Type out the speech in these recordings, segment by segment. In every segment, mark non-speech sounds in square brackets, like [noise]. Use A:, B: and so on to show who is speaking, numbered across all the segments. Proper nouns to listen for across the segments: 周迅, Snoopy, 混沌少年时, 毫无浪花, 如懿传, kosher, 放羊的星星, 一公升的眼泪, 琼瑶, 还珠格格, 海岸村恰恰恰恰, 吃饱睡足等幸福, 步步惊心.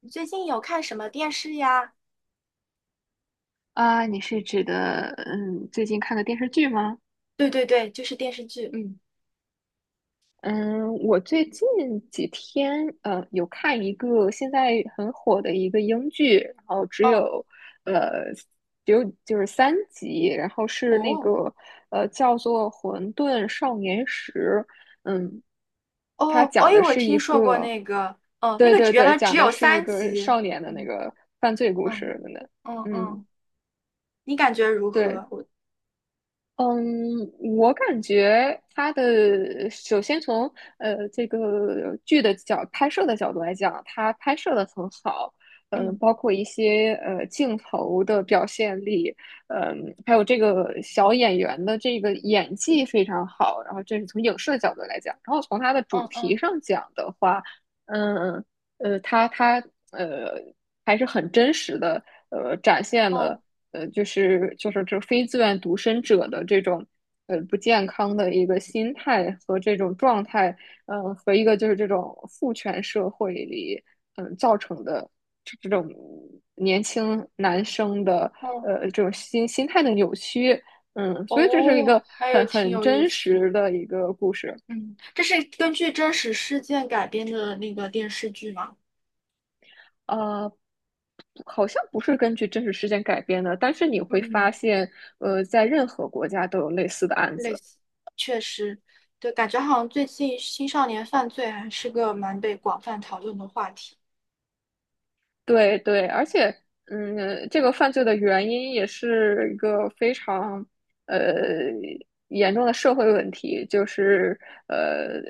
A: 你最近有看什么电视呀？
B: 啊，你是指的最近看的电视剧吗？
A: 对对对，就是电视剧。嗯，
B: 嗯，我最近几天有看一个现在很火的一个英剧，然后
A: 哦
B: 呃只有就是3集，然后是那
A: 哦
B: 个叫做《混沌少年时》。嗯，它
A: 哦，
B: 讲
A: 哎，
B: 的
A: 我
B: 是
A: 听
B: 一
A: 说过
B: 个，
A: 那个，哦，那
B: 对
A: 个只
B: 对
A: 原
B: 对，
A: 来只
B: 讲的
A: 有
B: 是一
A: 三
B: 个
A: 集。
B: 少年的那
A: 嗯
B: 个犯罪故
A: 嗯
B: 事的。
A: 嗯
B: 嗯，
A: 嗯，你感觉如
B: 对。
A: 何？我
B: 嗯，我感觉他的首先从这个剧的角拍摄的角度来讲，他拍摄的很好。
A: 嗯
B: 包括一些镜头的表现力。还有这个小演员的这个演技非常好，然后这是从影视的角度来讲。然后从它的主
A: 嗯
B: 题
A: 嗯
B: 上讲的话，嗯它呃还是很真实的展现了。
A: 哦
B: 就是这非自愿独身者的这种不健康的一个心态和这种状态。和一个就是这种父权社会里造成的这种年轻男生的
A: 哦
B: 这种心态的扭曲。所以这是一
A: 哦，
B: 个
A: 还有
B: 很
A: 挺
B: 很
A: 有意
B: 真
A: 思。
B: 实的一个故事。
A: 嗯，这是根据真实事件改编的那个电视剧吗？
B: 啊，好像不是根据真实事件改编的，但是你会
A: 嗯，
B: 发现，在任何国家都有类似的案
A: 类
B: 子。
A: 似，确实，对，感觉好像最近青少年犯罪还是个蛮被广泛讨论的话题。
B: 对对，而且，这个犯罪的原因也是一个非常呃严重的社会问题。就是呃，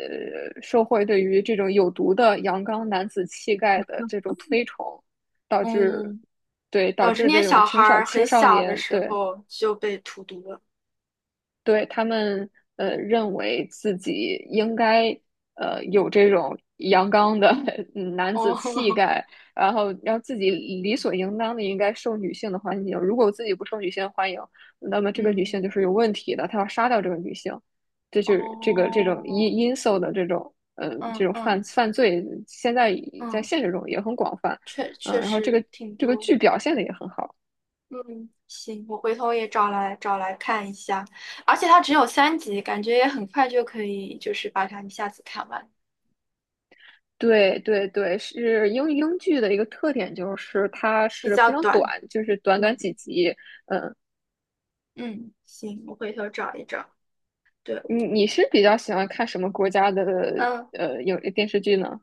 B: 社会对于这种有毒的阳刚男子气概的这种推崇，导致
A: 嗯，
B: 对，导
A: 导致
B: 致
A: 那些
B: 这种
A: 小孩
B: 青少
A: 儿很
B: 青少
A: 小的
B: 年
A: 时
B: 对，
A: 候就被荼毒了。
B: 对，他们认为自己应该有这种阳刚的 [laughs] 男子气
A: 哦，[laughs]
B: 概。然后让自己理所应当的应该受女性的欢迎。如果自己不受女性欢迎，那么这个女性就
A: 嗯，
B: 是有问题的，他要杀掉这个女性。这就是这个这种
A: 哦，
B: 因素的这种这
A: 嗯
B: 种犯
A: 嗯
B: 犯罪，现在在
A: 嗯，
B: 现实中也很广泛。
A: 确确
B: 然后这
A: 实
B: 个
A: 挺
B: 这个
A: 多。
B: 剧表现的也很好。
A: 嗯，行，我回头也找来找来看一下，而且它只有三集，感觉也很快就可以，就是把它一下子看完，
B: 对对对，是英剧的一个特点，就是它
A: 比
B: 是
A: 较
B: 非常
A: 短。
B: 短，就是短短几
A: 嗯，
B: 集。
A: 嗯，行，我回头找一找。对，
B: 你是比较喜欢看什么国家的
A: 嗯。
B: 有电视剧呢？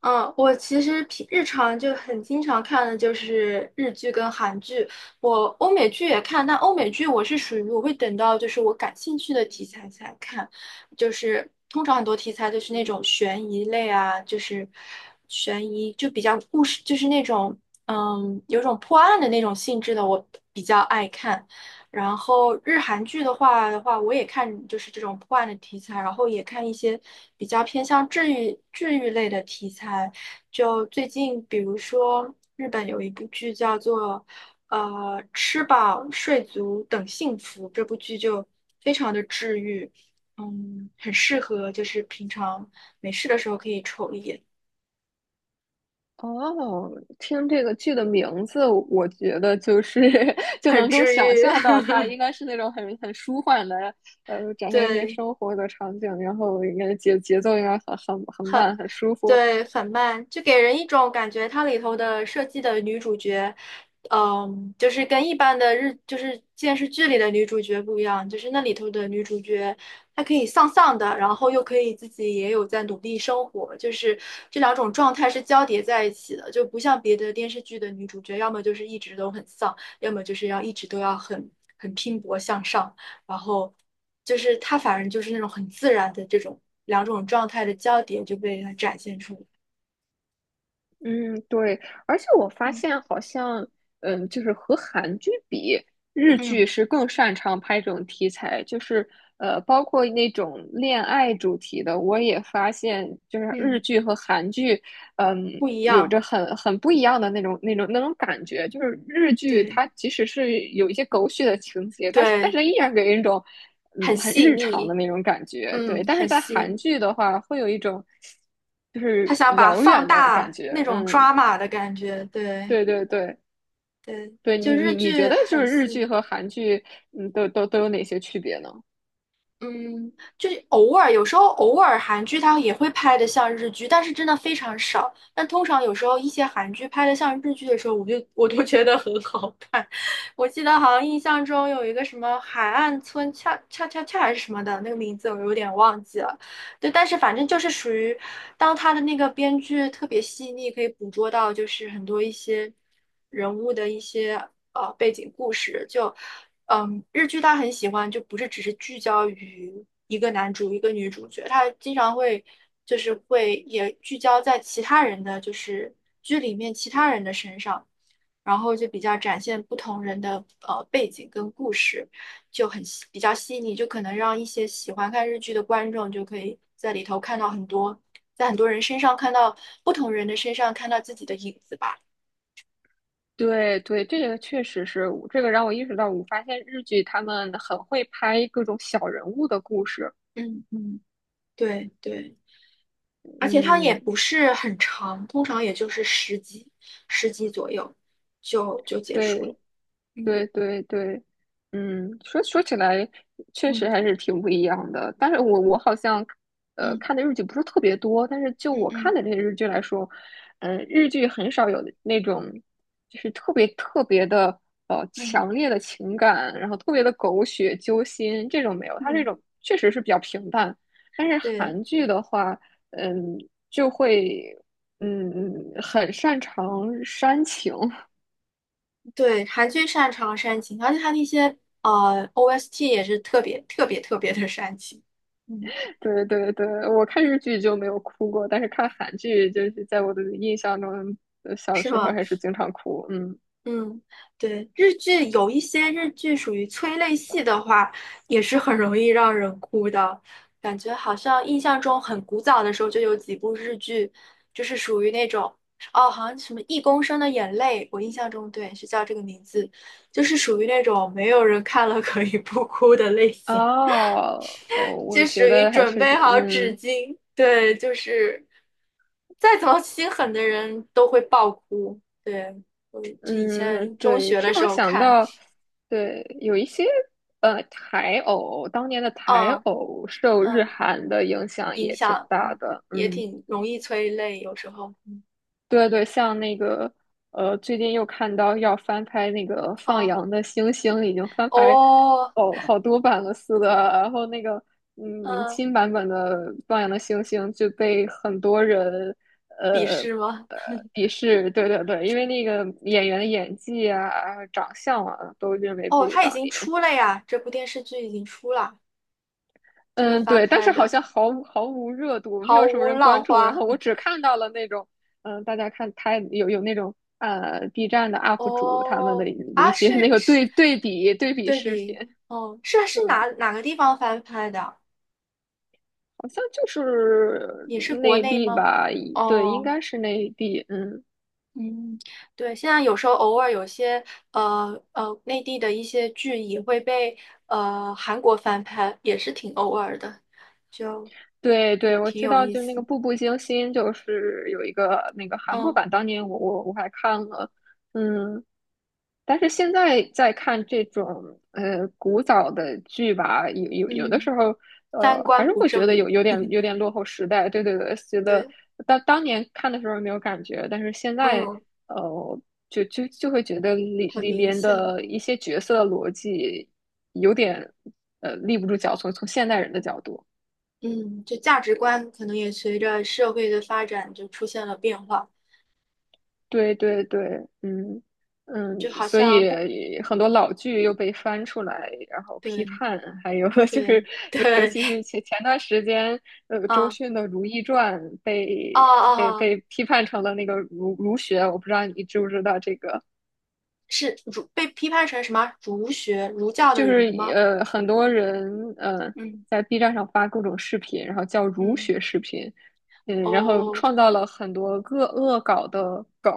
A: 嗯，我其实平日常就很经常看的就是日剧跟韩剧，我欧美剧也看，但欧美剧我是属于我会等到就是我感兴趣的题材才看，就是通常很多题材都是那种悬疑类啊，就是悬疑就比较故事，就是那种嗯有种破案的那种性质的，我比较爱看。然后日韩剧的话，我也看就是这种破案的题材，然后也看一些比较偏向治愈类的题材。就最近，比如说日本有一部剧叫做“吃饱睡足等幸福"，这部剧就非常的治愈，嗯，很适合就是平常没事的时候可以瞅一眼，
B: 哦，听这个剧的名字，我觉得就是 [laughs] 就
A: 很
B: 能够
A: 治
B: 想
A: 愈，
B: 象到它
A: [laughs]
B: 应该是那种很舒缓的。展现一些
A: 对，
B: 生活的场景，然后应该节奏应该很
A: 很
B: 慢，很舒服。
A: 对，很慢，就给人一种感觉，它里头的设计的女主角，嗯，就是跟一般的日，就是电视剧里的女主角不一样，就是那里头的女主角，她可以丧丧的，然后又可以自己也有在努力生活，就是这两种状态是交叠在一起的，就不像别的电视剧的女主角，要么就是一直都很丧，要么就是要一直都要很拼搏向上。然后就是他反正就是那种很自然的这种两种状态的交叠就被他展现出来，
B: 嗯，对，而且我发
A: 嗯
B: 现好像，就是和韩剧比，日剧
A: 嗯
B: 是更擅长拍这种题材，就是包括那种恋爱主题的，我也发现，就是日
A: 嗯，
B: 剧和韩剧。
A: 不一
B: 有
A: 样，
B: 着很不一样的那种感觉。就是日剧
A: 对，
B: 它即使是有一些狗血的情节，但是但
A: 对，
B: 是依然给人一种
A: 很
B: 很
A: 细
B: 日常的
A: 腻，
B: 那种感觉，对。
A: 嗯，
B: 但是
A: 很
B: 在
A: 细
B: 韩
A: 腻。
B: 剧的话，会有一种，就
A: 他
B: 是
A: 想把
B: 遥
A: 放
B: 远的感
A: 大那
B: 觉。
A: 种
B: 嗯，
A: 抓马的感觉，对
B: 对对对
A: 对，
B: 对，
A: 就日
B: 你觉
A: 剧
B: 得就
A: 很
B: 是日
A: 细
B: 剧
A: 腻。
B: 和韩剧，都有哪些区别呢？
A: 嗯，就是偶尔，有时候偶尔韩剧它也会拍的像日剧，但是真的非常少。但通常有时候一些韩剧拍的像日剧的时候，我都觉得很好看。[laughs] 我记得好像印象中有一个什么海岸村恰恰恰恰还是什么的那个名字，我有点忘记了。对，但是反正就是属于，当他的那个编剧特别细腻，可以捕捉到就是很多一些人物的一些背景故事。就嗯，日剧他很喜欢，就不是只是聚焦于一个男主一个女主角，他经常会就是会也聚焦在其他人的就是剧里面其他人的身上。然后就比较展现不同人的背景跟故事，就比较细腻，就可能让一些喜欢看日剧的观众就可以在里头看到很多，在很多人身上看到不同人的身上看到自己的影子吧。
B: 对对，这个确实是，这个让我意识到，我发现日剧他们很会拍各种小人物的故事。
A: 嗯嗯，对对，而且它也
B: 嗯，
A: 不是很长，通常也就是十集，十集左右就结束
B: 对，
A: 了。嗯
B: 对对对。说起来确实
A: 嗯
B: 还是挺不一样的。但是我好像
A: 嗯
B: 看的日剧不是特别多，但是就
A: 嗯
B: 我看
A: 嗯
B: 的这些日剧来说，日剧很少有那种就是特别特别的
A: 嗯
B: 强烈的情感，然后特别的狗血揪心这种没有，它这
A: 嗯，
B: 种确实是比较平淡。但是
A: 对。
B: 韩剧的话，嗯，就会嗯很擅长煽情。
A: 对，韩剧擅长煽情，而且它那些OST 也是特别特别特别的煽情，嗯，
B: 对对对，我看日剧就没有哭过，但是看韩剧就是在我的印象中，小
A: 是
B: 时候
A: 吗？
B: 还是经常哭。嗯。
A: 嗯，对，日剧有一些日剧属于催泪戏的话，也是很容易让人哭的，感觉好像印象中很古早的时候就有几部日剧，就是属于那种哦，好像什么《一公升的眼泪》，我印象中对是叫这个名字，就是属于那种没有人看了可以不哭的类型。
B: 哦哦，我
A: 就属
B: 觉
A: 于
B: 得还
A: 准
B: 是
A: 备好纸巾。对，就是再怎么心狠的人都会爆哭。对，我这以
B: 嗯，
A: 前中
B: 对，
A: 学
B: 这
A: 的时
B: 样
A: 候
B: 想
A: 看，
B: 到。对，有一些台偶，当年的台
A: 嗯
B: 偶受日
A: 嗯，
B: 韩的影响
A: 影
B: 也挺
A: 响
B: 大
A: 嗯
B: 的。
A: 也
B: 嗯，
A: 挺容易催泪，有时候。
B: 对对，像那个，最近又看到要翻拍那个放
A: 哦
B: 羊的星星，已经翻拍
A: 哦，
B: 哦好多版了似的。然后那个
A: 嗯，
B: 新版本的放羊的星星就被很多人
A: 笔
B: 呃
A: 试吗？
B: 呃鄙视。对对对，因为那个演员的演技啊、长相啊，都认为不
A: 哦，
B: 如
A: 它已
B: 当
A: 经
B: 年。
A: 出了呀，这部电视剧已经出了，这个
B: 嗯，
A: 翻
B: 对，但是
A: 拍
B: 好
A: 的
B: 像毫无热度，没
A: 《毫
B: 有什么
A: 无
B: 人
A: 浪
B: 关注。
A: 花》。
B: 然后我只看到了那种，大家看他有那种B 站的 UP 主他们的
A: 哦，啊，
B: 一些
A: 是
B: 那个
A: 是
B: 对对比对比
A: 对
B: 视频。
A: 比，哦，是是
B: 嗯，
A: 哪哪个地方翻拍的啊
B: 好像就是
A: 也是国
B: 内
A: 内
B: 地
A: 吗？
B: 吧。对，应
A: 哦，
B: 该是内地。嗯，
A: 嗯，对，现在有时候偶尔有些内地的一些剧也会被韩国翻拍，也是挺偶尔的，就
B: 对对，
A: 也
B: 我
A: 挺
B: 知
A: 有
B: 道，
A: 意
B: 就那个
A: 思。
B: 《步步惊心》，就是有一个那个韩国
A: 嗯
B: 版，当年我还看了。嗯。但是现在在看这种古早的剧吧，有的时
A: 嗯，
B: 候，
A: 三
B: 还
A: 观
B: 是
A: 不
B: 会觉
A: 正，
B: 得有点落后时代。对对对，觉得
A: 对，
B: 当年看的时候没有感觉，但是现在，
A: 嗯，
B: 呃，就会觉得里
A: 很
B: 里
A: 明
B: 面
A: 显，
B: 的一些角色逻辑有点立不住脚，从现代人的角度。
A: 嗯，就价值观可能也随着社会的发展就出现了变化，
B: 对对对，
A: 就好
B: 所
A: 像不，
B: 以很多老剧又被翻出来，然后批
A: 对
B: 判，还有 [laughs] 就是
A: 对
B: 尤尤
A: 对，
B: 其是前段时间。
A: [laughs]
B: 周
A: 啊
B: 迅的《如懿传》
A: 啊
B: 被
A: 啊。
B: 被
A: 哦
B: 被批判成了那个儒学，我不知道你知不知道这个，
A: 是儒被批判成什么儒学儒教
B: 就
A: 的儒
B: 是，
A: 吗？
B: 很多人
A: 嗯
B: 在 B 站上发各种视频，然后叫儒
A: 嗯
B: 学视频。然后
A: 哦，
B: 创造了很多恶搞的梗。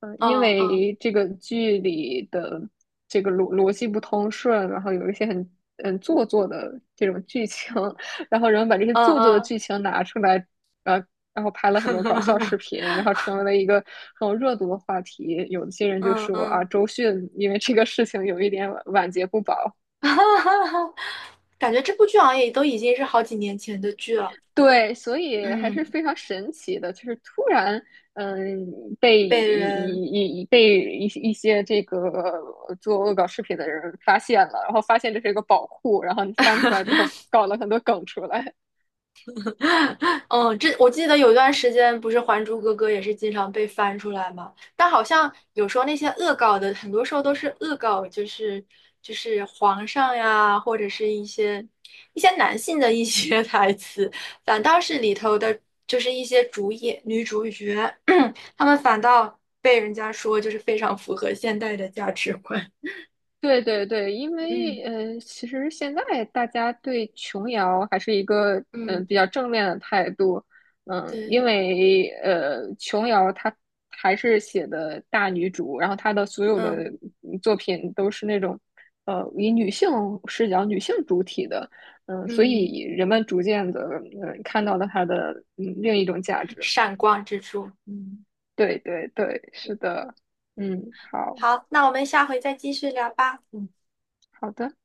B: 因
A: 嗯嗯
B: 为这个剧里的这个逻辑不通顺，然后有一些很做作的这种剧情，[laughs] 然后人们把这些
A: 嗯
B: 做作的
A: 嗯
B: 剧情拿出来。呃，然后拍了很多搞笑视频，然后成为了一个很有热度的话题。有些人就
A: 嗯嗯，
B: 说啊，
A: 嗯
B: 周迅因为这个事情有一点晚节不保。
A: [laughs] 感觉这部剧好像也都已经是好几年前的剧了，
B: 对，所以还是
A: 嗯，
B: 非常神奇的，就是突然，嗯，被一
A: 被人
B: 一一被一一些这个做恶搞视频的人发现了，然后发现这是一个宝库，然后你翻出来之后搞了很多梗出来。
A: [laughs] 嗯，这我记得有一段时间，不是《还珠格格》也是经常被翻出来嘛，但好像有时候那些恶搞的，很多时候都是恶搞，就是皇上呀，或者是一些男性的一些 [laughs] 台词，反倒是里头的，就是一些主演女主角，[clears throat] 他们反倒被人家说就是非常符合现代的价值观。
B: 对对对，因
A: 嗯
B: 为，其实现在大家对琼瑶还是一个
A: 嗯，
B: 比较正面的态度。
A: 对，
B: 因为，琼瑶她还是写的大女主，然后她的所有的
A: 嗯
B: 作品都是那种以女性视角、女性主体的。所
A: 嗯，
B: 以人们逐渐的看到了她的另一种价值。
A: 闪光之处，嗯。
B: 对对对，是的。嗯，好
A: 好，那我们下回再继续聊吧。嗯。
B: 好的。